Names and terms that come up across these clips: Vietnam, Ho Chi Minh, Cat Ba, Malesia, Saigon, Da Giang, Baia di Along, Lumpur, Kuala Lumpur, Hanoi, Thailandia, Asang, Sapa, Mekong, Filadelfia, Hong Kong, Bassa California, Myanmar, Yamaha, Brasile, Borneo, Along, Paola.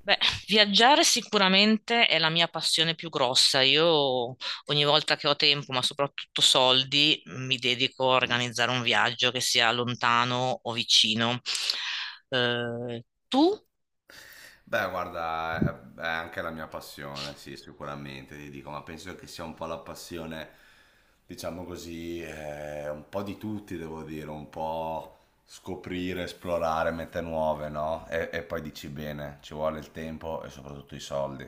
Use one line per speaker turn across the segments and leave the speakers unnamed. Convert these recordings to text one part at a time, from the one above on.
Beh, viaggiare sicuramente è la mia passione più grossa. Io ogni volta che ho tempo, ma soprattutto soldi, mi dedico a organizzare un viaggio che sia lontano o vicino. Tu?
Beh, guarda, è anche la mia passione, sì, sicuramente, ti dico, ma penso che sia un po' la passione, diciamo così, un po' di tutti, devo dire, un po' scoprire, esplorare mete nuove, no? E poi dici bene, ci vuole il tempo e soprattutto i soldi.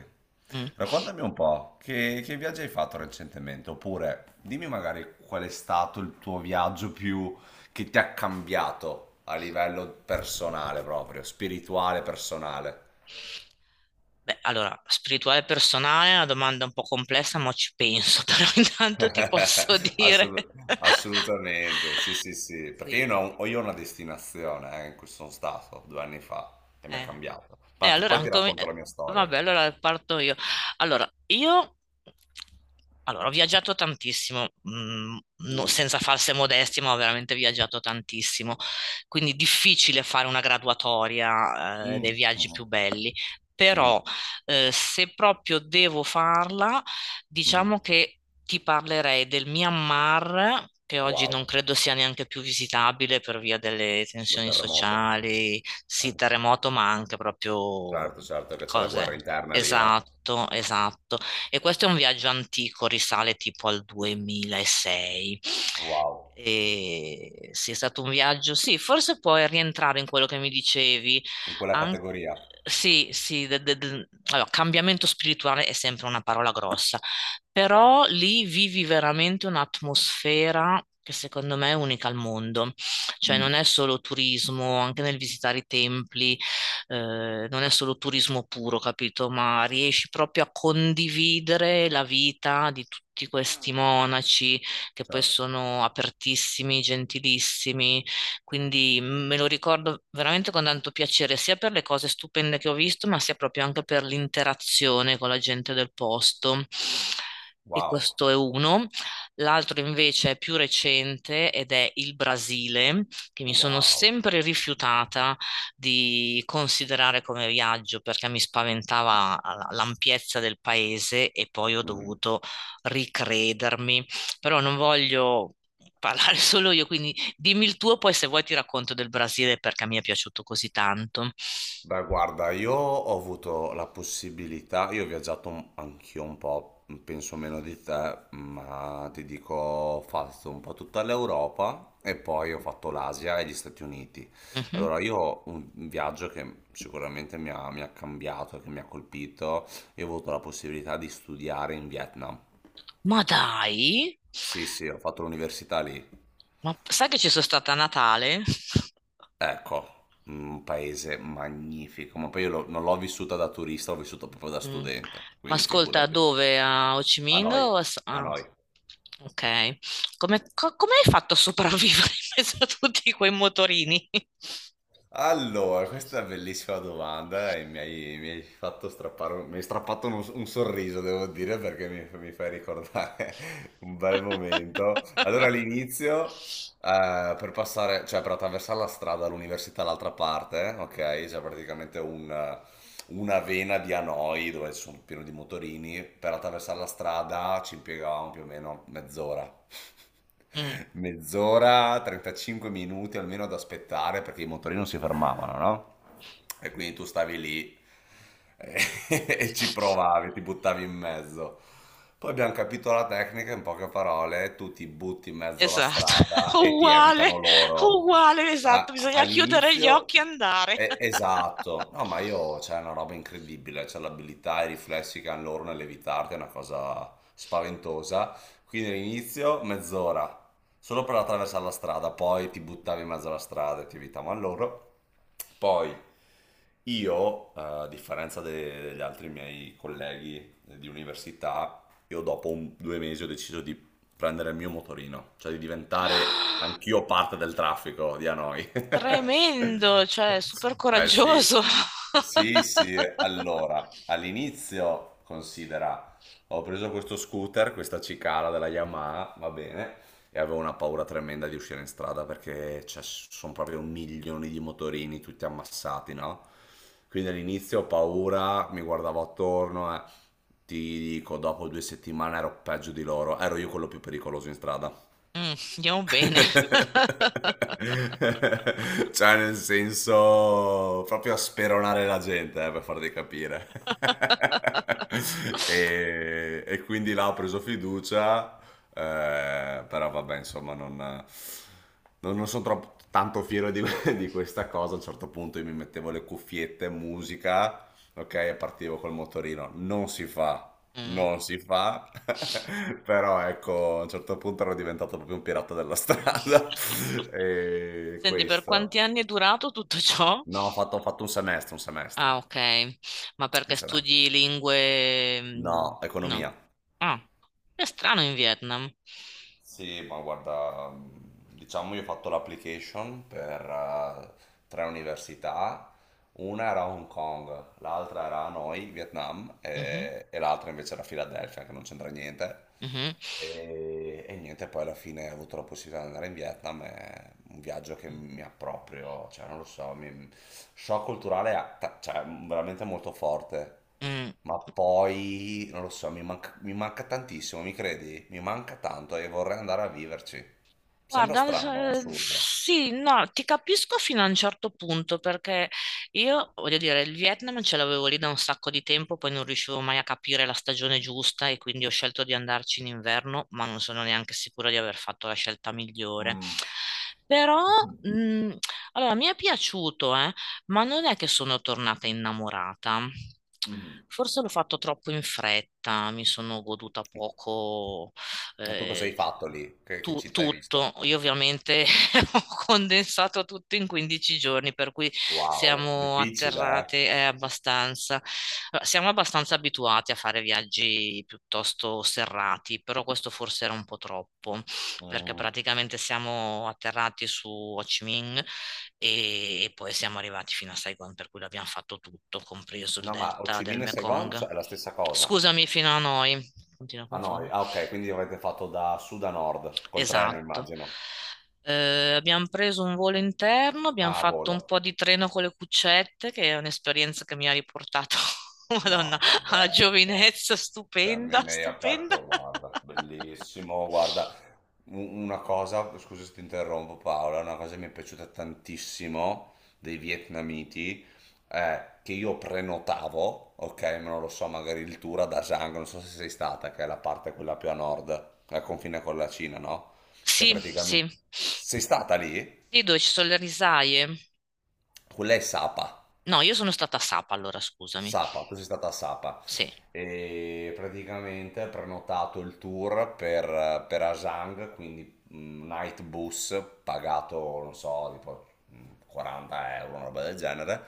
Mm.
Raccontami un po', che viaggi hai fatto recentemente? Oppure dimmi magari qual è stato il tuo viaggio più che ti ha cambiato a livello personale proprio, spirituale, personale.
Beh, allora, spirituale e personale è una domanda un po' complessa, ma ci penso, però intanto ti posso dire.
Assolut- assolutamente, sì, sì, sì, perché
Sì,
io, non- ho io ho una destinazione in cui sono stato 2 anni fa e mi è
eh.
cambiato.
E
Ma
allora,
poi ti racconto la mia storia.
vabbè, allora parto io. Allora, io allora, ho viaggiato tantissimo,
Mm.
senza false modestie, ma ho veramente viaggiato tantissimo. Quindi difficile fare una graduatoria,
Mm.
dei viaggi
Mhm.
più belli. Però,
Mhm.
se proprio devo farla,
Mhm.
diciamo che ti parlerei del Myanmar, che oggi non
Wow,
credo sia neanche più visitabile per via delle
lo
tensioni
terremoto.
sociali. Sì,
Anche te.
terremoto, ma anche proprio
Certo, certo che c'è la guerra
cose.
interna lì, no?
Esatto, esatto. E questo è un viaggio antico, risale tipo al 2006.
Wow,
E sì, è stato un viaggio, sì, forse puoi rientrare in quello che mi dicevi.
in quella
An-
categoria.
sì, sì, allora, cambiamento spirituale è sempre una parola grossa,
Certo.
però lì vivi veramente un'atmosfera che secondo me è unica al mondo. Cioè
Mm,
non è solo turismo, anche nel visitare i templi, non è solo turismo puro, capito? Ma riesci proprio a condividere la vita di tutti questi monaci che poi
certo.
sono apertissimi, gentilissimi. Quindi me lo ricordo veramente con tanto piacere, sia per le cose stupende che ho visto, ma sia proprio anche per l'interazione con la gente del posto. E
Wow,
questo è uno. L'altro invece è più recente ed è il Brasile che mi sono
wow.
sempre rifiutata di considerare come viaggio perché mi spaventava l'ampiezza del paese e poi ho
Mm-hmm.
dovuto ricredermi. Però non voglio parlare solo io, quindi dimmi il tuo, poi se vuoi ti racconto del Brasile perché mi è piaciuto così tanto.
Beh, guarda, io ho avuto la possibilità, io ho viaggiato anch'io un po', penso meno di te, ma ti dico, ho fatto un po' tutta l'Europa e poi ho fatto l'Asia e gli Stati Uniti.
Mhm.
Allora, io ho un viaggio che sicuramente mi ha, cambiato, che mi ha colpito, io ho avuto la possibilità di studiare in Vietnam.
Ma dai,
Sì, sì, ho fatto l'università lì.
ma sai che ci sono stata a Natale?
Ecco, un paese magnifico, ma poi io non l'ho vissuta da turista, l'ho vissuta proprio da
Mm.
studente,
Ma
quindi
ascolta,
figurati.
dove? A Ho Chi
A
Minh
noi,
o a
a
ah,
noi.
ok. Come hai fatto a sopravvivere in mezzo a tutti quei motorini?
Allora, questa è una bellissima domanda e mi hai fatto strappare, mi hai strappato un sorriso, devo dire, perché mi fai ricordare un bel momento. Allora, all'inizio, per passare, cioè per attraversare la strada all'università all'altra parte, ok? C'è praticamente una vena di Hanoi dove sono pieno di motorini, per attraversare la strada ci impiegavamo più o meno mezz'ora.
Mm.
Mezz'ora, 35 minuti almeno ad aspettare perché i motorini non si fermavano, no? E quindi tu stavi lì e, e ci provavi, ti buttavi in mezzo. Poi abbiamo capito la tecnica, in poche parole, tu ti butti in mezzo alla
Esatto,
strada e ti evitano
uguale,
loro.
uguale, esatto,
A-
bisogna chiudere gli
all'inizio,
occhi e andare.
esatto, no, ma io c'è una roba incredibile, c'è l'abilità e i riflessi che hanno loro nell'evitarti, è una cosa spaventosa. Quindi all'inizio mezz'ora, solo per attraversare la strada, poi ti buttavi in mezzo alla strada e ti evitavano loro. Poi io, a differenza degli altri miei colleghi di università, io dopo 2 mesi ho deciso di prendere il mio motorino, cioè di diventare anch'io parte del traffico di Hanoi.
Tremendo, cioè, super
Eh sì.
coraggioso.
Sì, sì, allora, all'inizio considera, ho preso questo scooter, questa cicala della Yamaha, va bene, e avevo una paura tremenda di uscire in strada perché cioè, sono proprio milioni di motorini tutti ammassati, no? Quindi all'inizio ho paura, mi guardavo attorno e ti dico, dopo 2 settimane ero peggio di loro, ero io quello più pericoloso in strada.
Mm, andiamo bene.
Cioè, nel senso, proprio a speronare la gente, per farti capire. E quindi là ho preso fiducia, però vabbè, insomma, non sono troppo, tanto fiero di, di questa cosa. A un certo punto io mi mettevo le cuffiette, musica, ok, e partivo col motorino. Non si fa
Mm.
non si fa, però ecco, a un certo punto ero diventato proprio un pirata della strada. E
Senti, per
questo.
quanti anni è durato tutto ciò?
No, ho fatto un semestre, un semestre,
Ah, ok. Ma
un
perché
semestre.
studi lingue
No,
no.
economia.
Ah, è strano in Vietnam.
Sì, ma guarda, diciamo io ho fatto l'application per tre università. Una era Hong Kong, l'altra era Hanoi, Vietnam,
Mhm,
e, l'altra invece era Filadelfia, che non c'entra niente.
mhm.
E niente, poi alla fine ho avuto la possibilità di andare in Vietnam, è un viaggio che mi ha proprio, cioè non lo so, shock culturale cioè, veramente molto forte,
Mm.
ma poi non lo so, mi manca tantissimo, mi credi? Mi manca tanto e vorrei andare a viverci. Sembra
Guarda,
strano, assurdo.
sì, no, ti capisco fino a un certo punto perché io, voglio dire, il Vietnam ce l'avevo lì da un sacco di tempo, poi non riuscivo mai a capire la stagione giusta e quindi ho scelto di andarci in inverno, ma non sono neanche sicura di aver fatto la scelta migliore.
Mm.
Però, mh, allora, mi è piaciuto, ma non è che sono tornata innamorata.
Mhm.
Forse l'ho fatto troppo in fretta, mi sono goduta
Mhm.
poco,
Ma tu cosa hai
eh,
fatto lì? Che
tu
città hai visto?
tutto. Io ovviamente ho condensato tutto in 15 giorni, per cui
Wow,
siamo
difficile,
atterrate abbastanza. Allora, siamo abbastanza abituati a fare viaggi piuttosto serrati, però questo forse era un po' troppo,
eh?
perché
Mm.
praticamente siamo atterrati su Ho Chi Minh e poi siamo arrivati fino a Saigon, per cui l'abbiamo fatto tutto, compreso il
No, ma Ho
delta
Chi
del
Minh e Saigon
Mekong.
cioè, è la stessa cosa.
Scusami, fino a noi. Continuo a
Ah, no,
confondere.
ah, ok, quindi avete fatto da sud a nord, col treno,
Esatto.
immagino.
Abbiamo preso un volo interno, abbiamo
Ah, a
fatto un
volo.
po' di treno con le cuccette, che è un'esperienza che mi ha riportato, Madonna,
No,
alla
vabbè, cioè.
giovinezza
Cioè, mi
stupenda,
mi hai
stupenda.
aperto, guarda, bellissimo, guarda, una cosa, scusa se ti interrompo Paola, una cosa che mi è piaciuta tantissimo dei vietnamiti è che io prenotavo, ok, ma non lo so, magari il tour a Da Giang, non so se sei stata, che è la parte quella più a nord, al confine con la Cina, no? Che
Sì,
praticamente.
sì.
Sei stata lì?
Sì, dove ci sono le risaie.
Quella è Sapa.
No, io sono stata a Sapa, allora scusami.
Sapa, tu sei stata a Sapa
Sì.
e praticamente hai prenotato il tour per Asang, quindi night bus pagato, non so, tipo 40 euro, una roba del genere.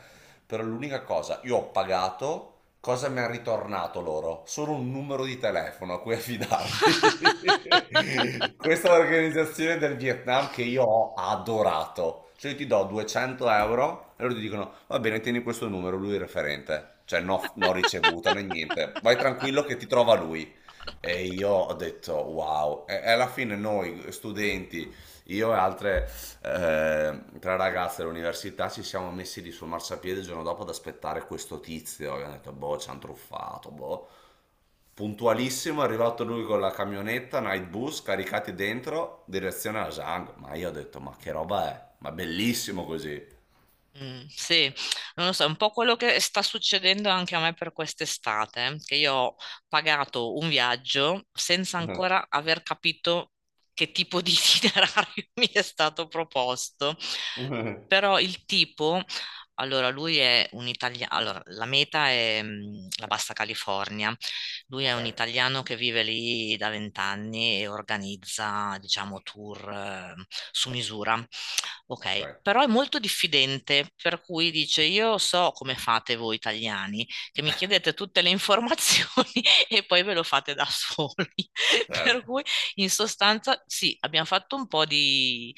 Però l'unica cosa, io ho pagato, cosa mi hanno ritornato loro? Solo un numero di telefono a cui affidarmi. Questa è l'organizzazione del Vietnam che io ho adorato. Cioè io ti do 200 € e loro ti dicono, va bene, tieni questo numero, lui è il referente. Cioè no, no ricevuta né niente. Vai tranquillo che ti trova lui. E io ho detto wow, e alla fine noi studenti, io e altre tre ragazze dell'università ci siamo messi lì sul marciapiede il giorno dopo ad aspettare questo tizio, abbiamo detto boh ci hanno truffato, boh. Puntualissimo è arrivato lui con la camionetta, night bus, caricati dentro, direzione alla Zang, ma io ho detto ma che roba è, ma bellissimo così.
Sì, non lo so, è un po' quello che sta succedendo anche a me per quest'estate, che io ho pagato un viaggio senza ancora aver capito che tipo di itinerario mi è stato proposto. Però il tipo, allora lui è un italiano, allora la meta è la Bassa California, lui è
Ok,
un italiano che vive lì da 20 anni e organizza, diciamo, tour su misura.
ok,
Ok, però è molto diffidente, per cui dice: Io so come fate voi italiani, che mi chiedete tutte le informazioni e poi ve lo fate da soli. Per
certo.
cui, in sostanza, sì, abbiamo fatto un po' di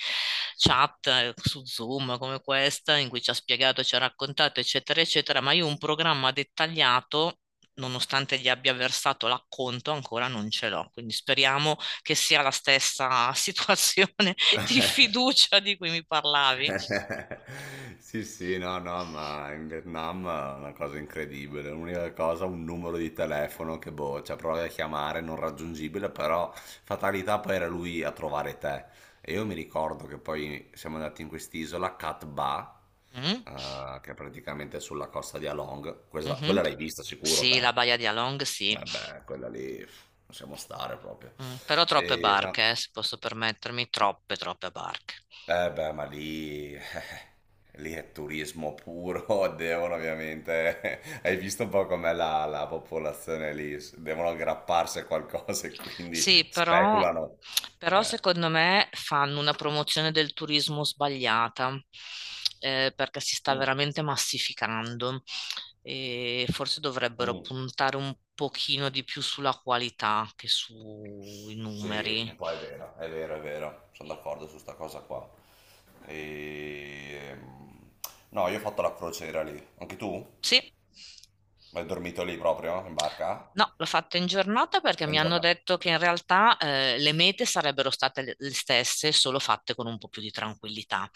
chat su Zoom come questa, in cui ci ha spiegato, ci ha raccontato, eccetera, eccetera, ma io un programma dettagliato. Nonostante gli abbia versato l'acconto, ancora non ce l'ho. Quindi speriamo che sia la stessa situazione di fiducia di cui mi parlavi.
Sì, sì, no, no, ma in Vietnam è una cosa incredibile. L'unica cosa, un numero di telefono che boh, cioè provi a chiamare, non raggiungibile, però fatalità poi era lui a trovare te. E io mi ricordo che poi siamo andati in quest'isola, Cat Ba,
Mm,
che è praticamente sulla costa di Along. Questa-
mhm.
quella l'hai vista sicuro
Sì,
te?
la Baia di Along, sì.
Eh beh, quella lì, pff, possiamo stare proprio.
Mm, però troppe
E,
barche, se posso permettermi, troppe, troppe barche.
eh beh, ma lì. Lì è turismo puro, devono ovviamente, hai visto un po' com'è la, popolazione lì, devono aggrapparsi a qualcosa e quindi
Sì, però,
speculano.
però
Eh,
secondo me fanno una promozione del turismo sbagliata, perché si sta
mm,
veramente massificando e forse dovrebbero
mm.
puntare un pochino di più sulla qualità che sui
Sì,
numeri.
un po' è vero, è vero, è vero, sono d'accordo su sta cosa qua. E... ehm, No, io ho fatto la crociera lì, anche tu?
Sì.
Hai dormito lì proprio, in barca?
No, l'ho fatto in giornata perché
In
mi hanno
giornata?
detto che in realtà le mete sarebbero state le stesse, solo fatte con un po' più di tranquillità.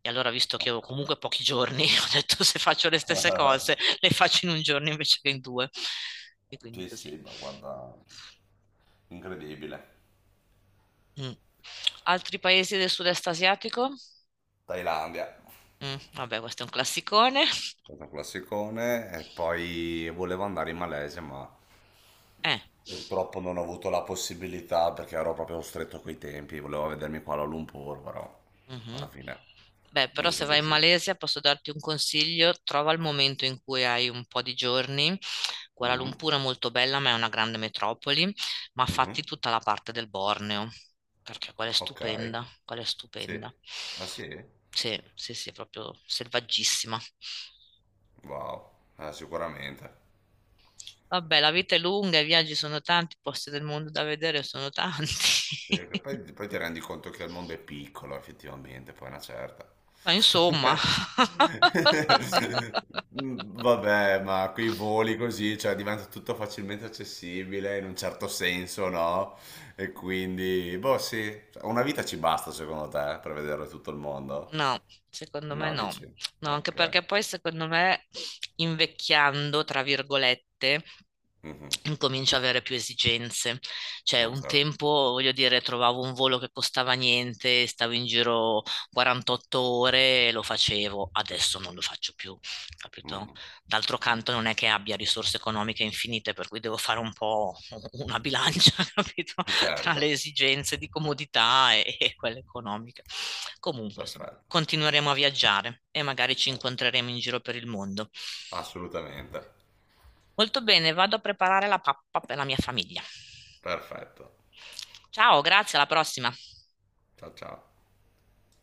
E allora, visto che ho
Ok.
comunque pochi giorni, ho detto se faccio le stesse cose, le faccio in un giorno invece che in due. E quindi
Sì, sì,
così.
ma guarda, incredibile.
Mm. Altri paesi del sud-est asiatico?
Thailandia.
Mm, vabbè, questo è un classicone.
Stato un classicone e poi volevo andare in Malesia, ma
Eh.
purtroppo non ho avuto la possibilità perché ero proprio stretto coi tempi, volevo vedermi qua a Lumpur, però alla
Mhm.
fine
Beh,
non
però
ci
se
sono
vai in
riuscito.
Malesia posso darti un consiglio, trova il momento in cui hai un po' di giorni. Kuala
Mhm,
Lumpur è molto bella, ma è una grande metropoli, ma
mhm.
fatti tutta la parte del Borneo, perché quella è
Ok,
stupenda, quella è
sì.
stupenda.
Ah sì?
Sì, sì, sì, è proprio selvaggissima.
Wow, sicuramente.
Vabbè, la vita è lunga, i viaggi sono tanti, i posti del mondo da vedere sono tanti.
Sì, che poi, poi ti rendi conto che il mondo è piccolo, effettivamente, poi è una certa.
Ma insomma.
Mm, vabbè, ma quei voli così, cioè diventa tutto facilmente accessibile in un certo senso, no? E quindi, boh, sì, cioè, una vita ci basta secondo te per vedere tutto il mondo?
No, secondo me
No,
no.
dici?
No, anche
Ok.
perché poi secondo me invecchiando, tra virgolette,
Mhm.
incomincio ad avere più esigenze. Cioè,
No,
un
certo.
tempo, voglio dire, trovavo un volo che costava niente, stavo in giro 48 ore e lo facevo. Adesso non lo faccio più, capito?
Mhm.
D'altro canto non è che abbia risorse economiche infinite, per cui devo fare un po' una bilancia, capito? Tra le
Certo,
esigenze di comodità e quelle economiche. Comunque, insomma,
perfetto.
continueremo a viaggiare e magari ci incontreremo in giro per il mondo.
Assolutamente.
Molto bene, vado a preparare la pappa per la mia famiglia.
Perfetto.
Ciao, grazie, alla prossima.
Ciao ciao.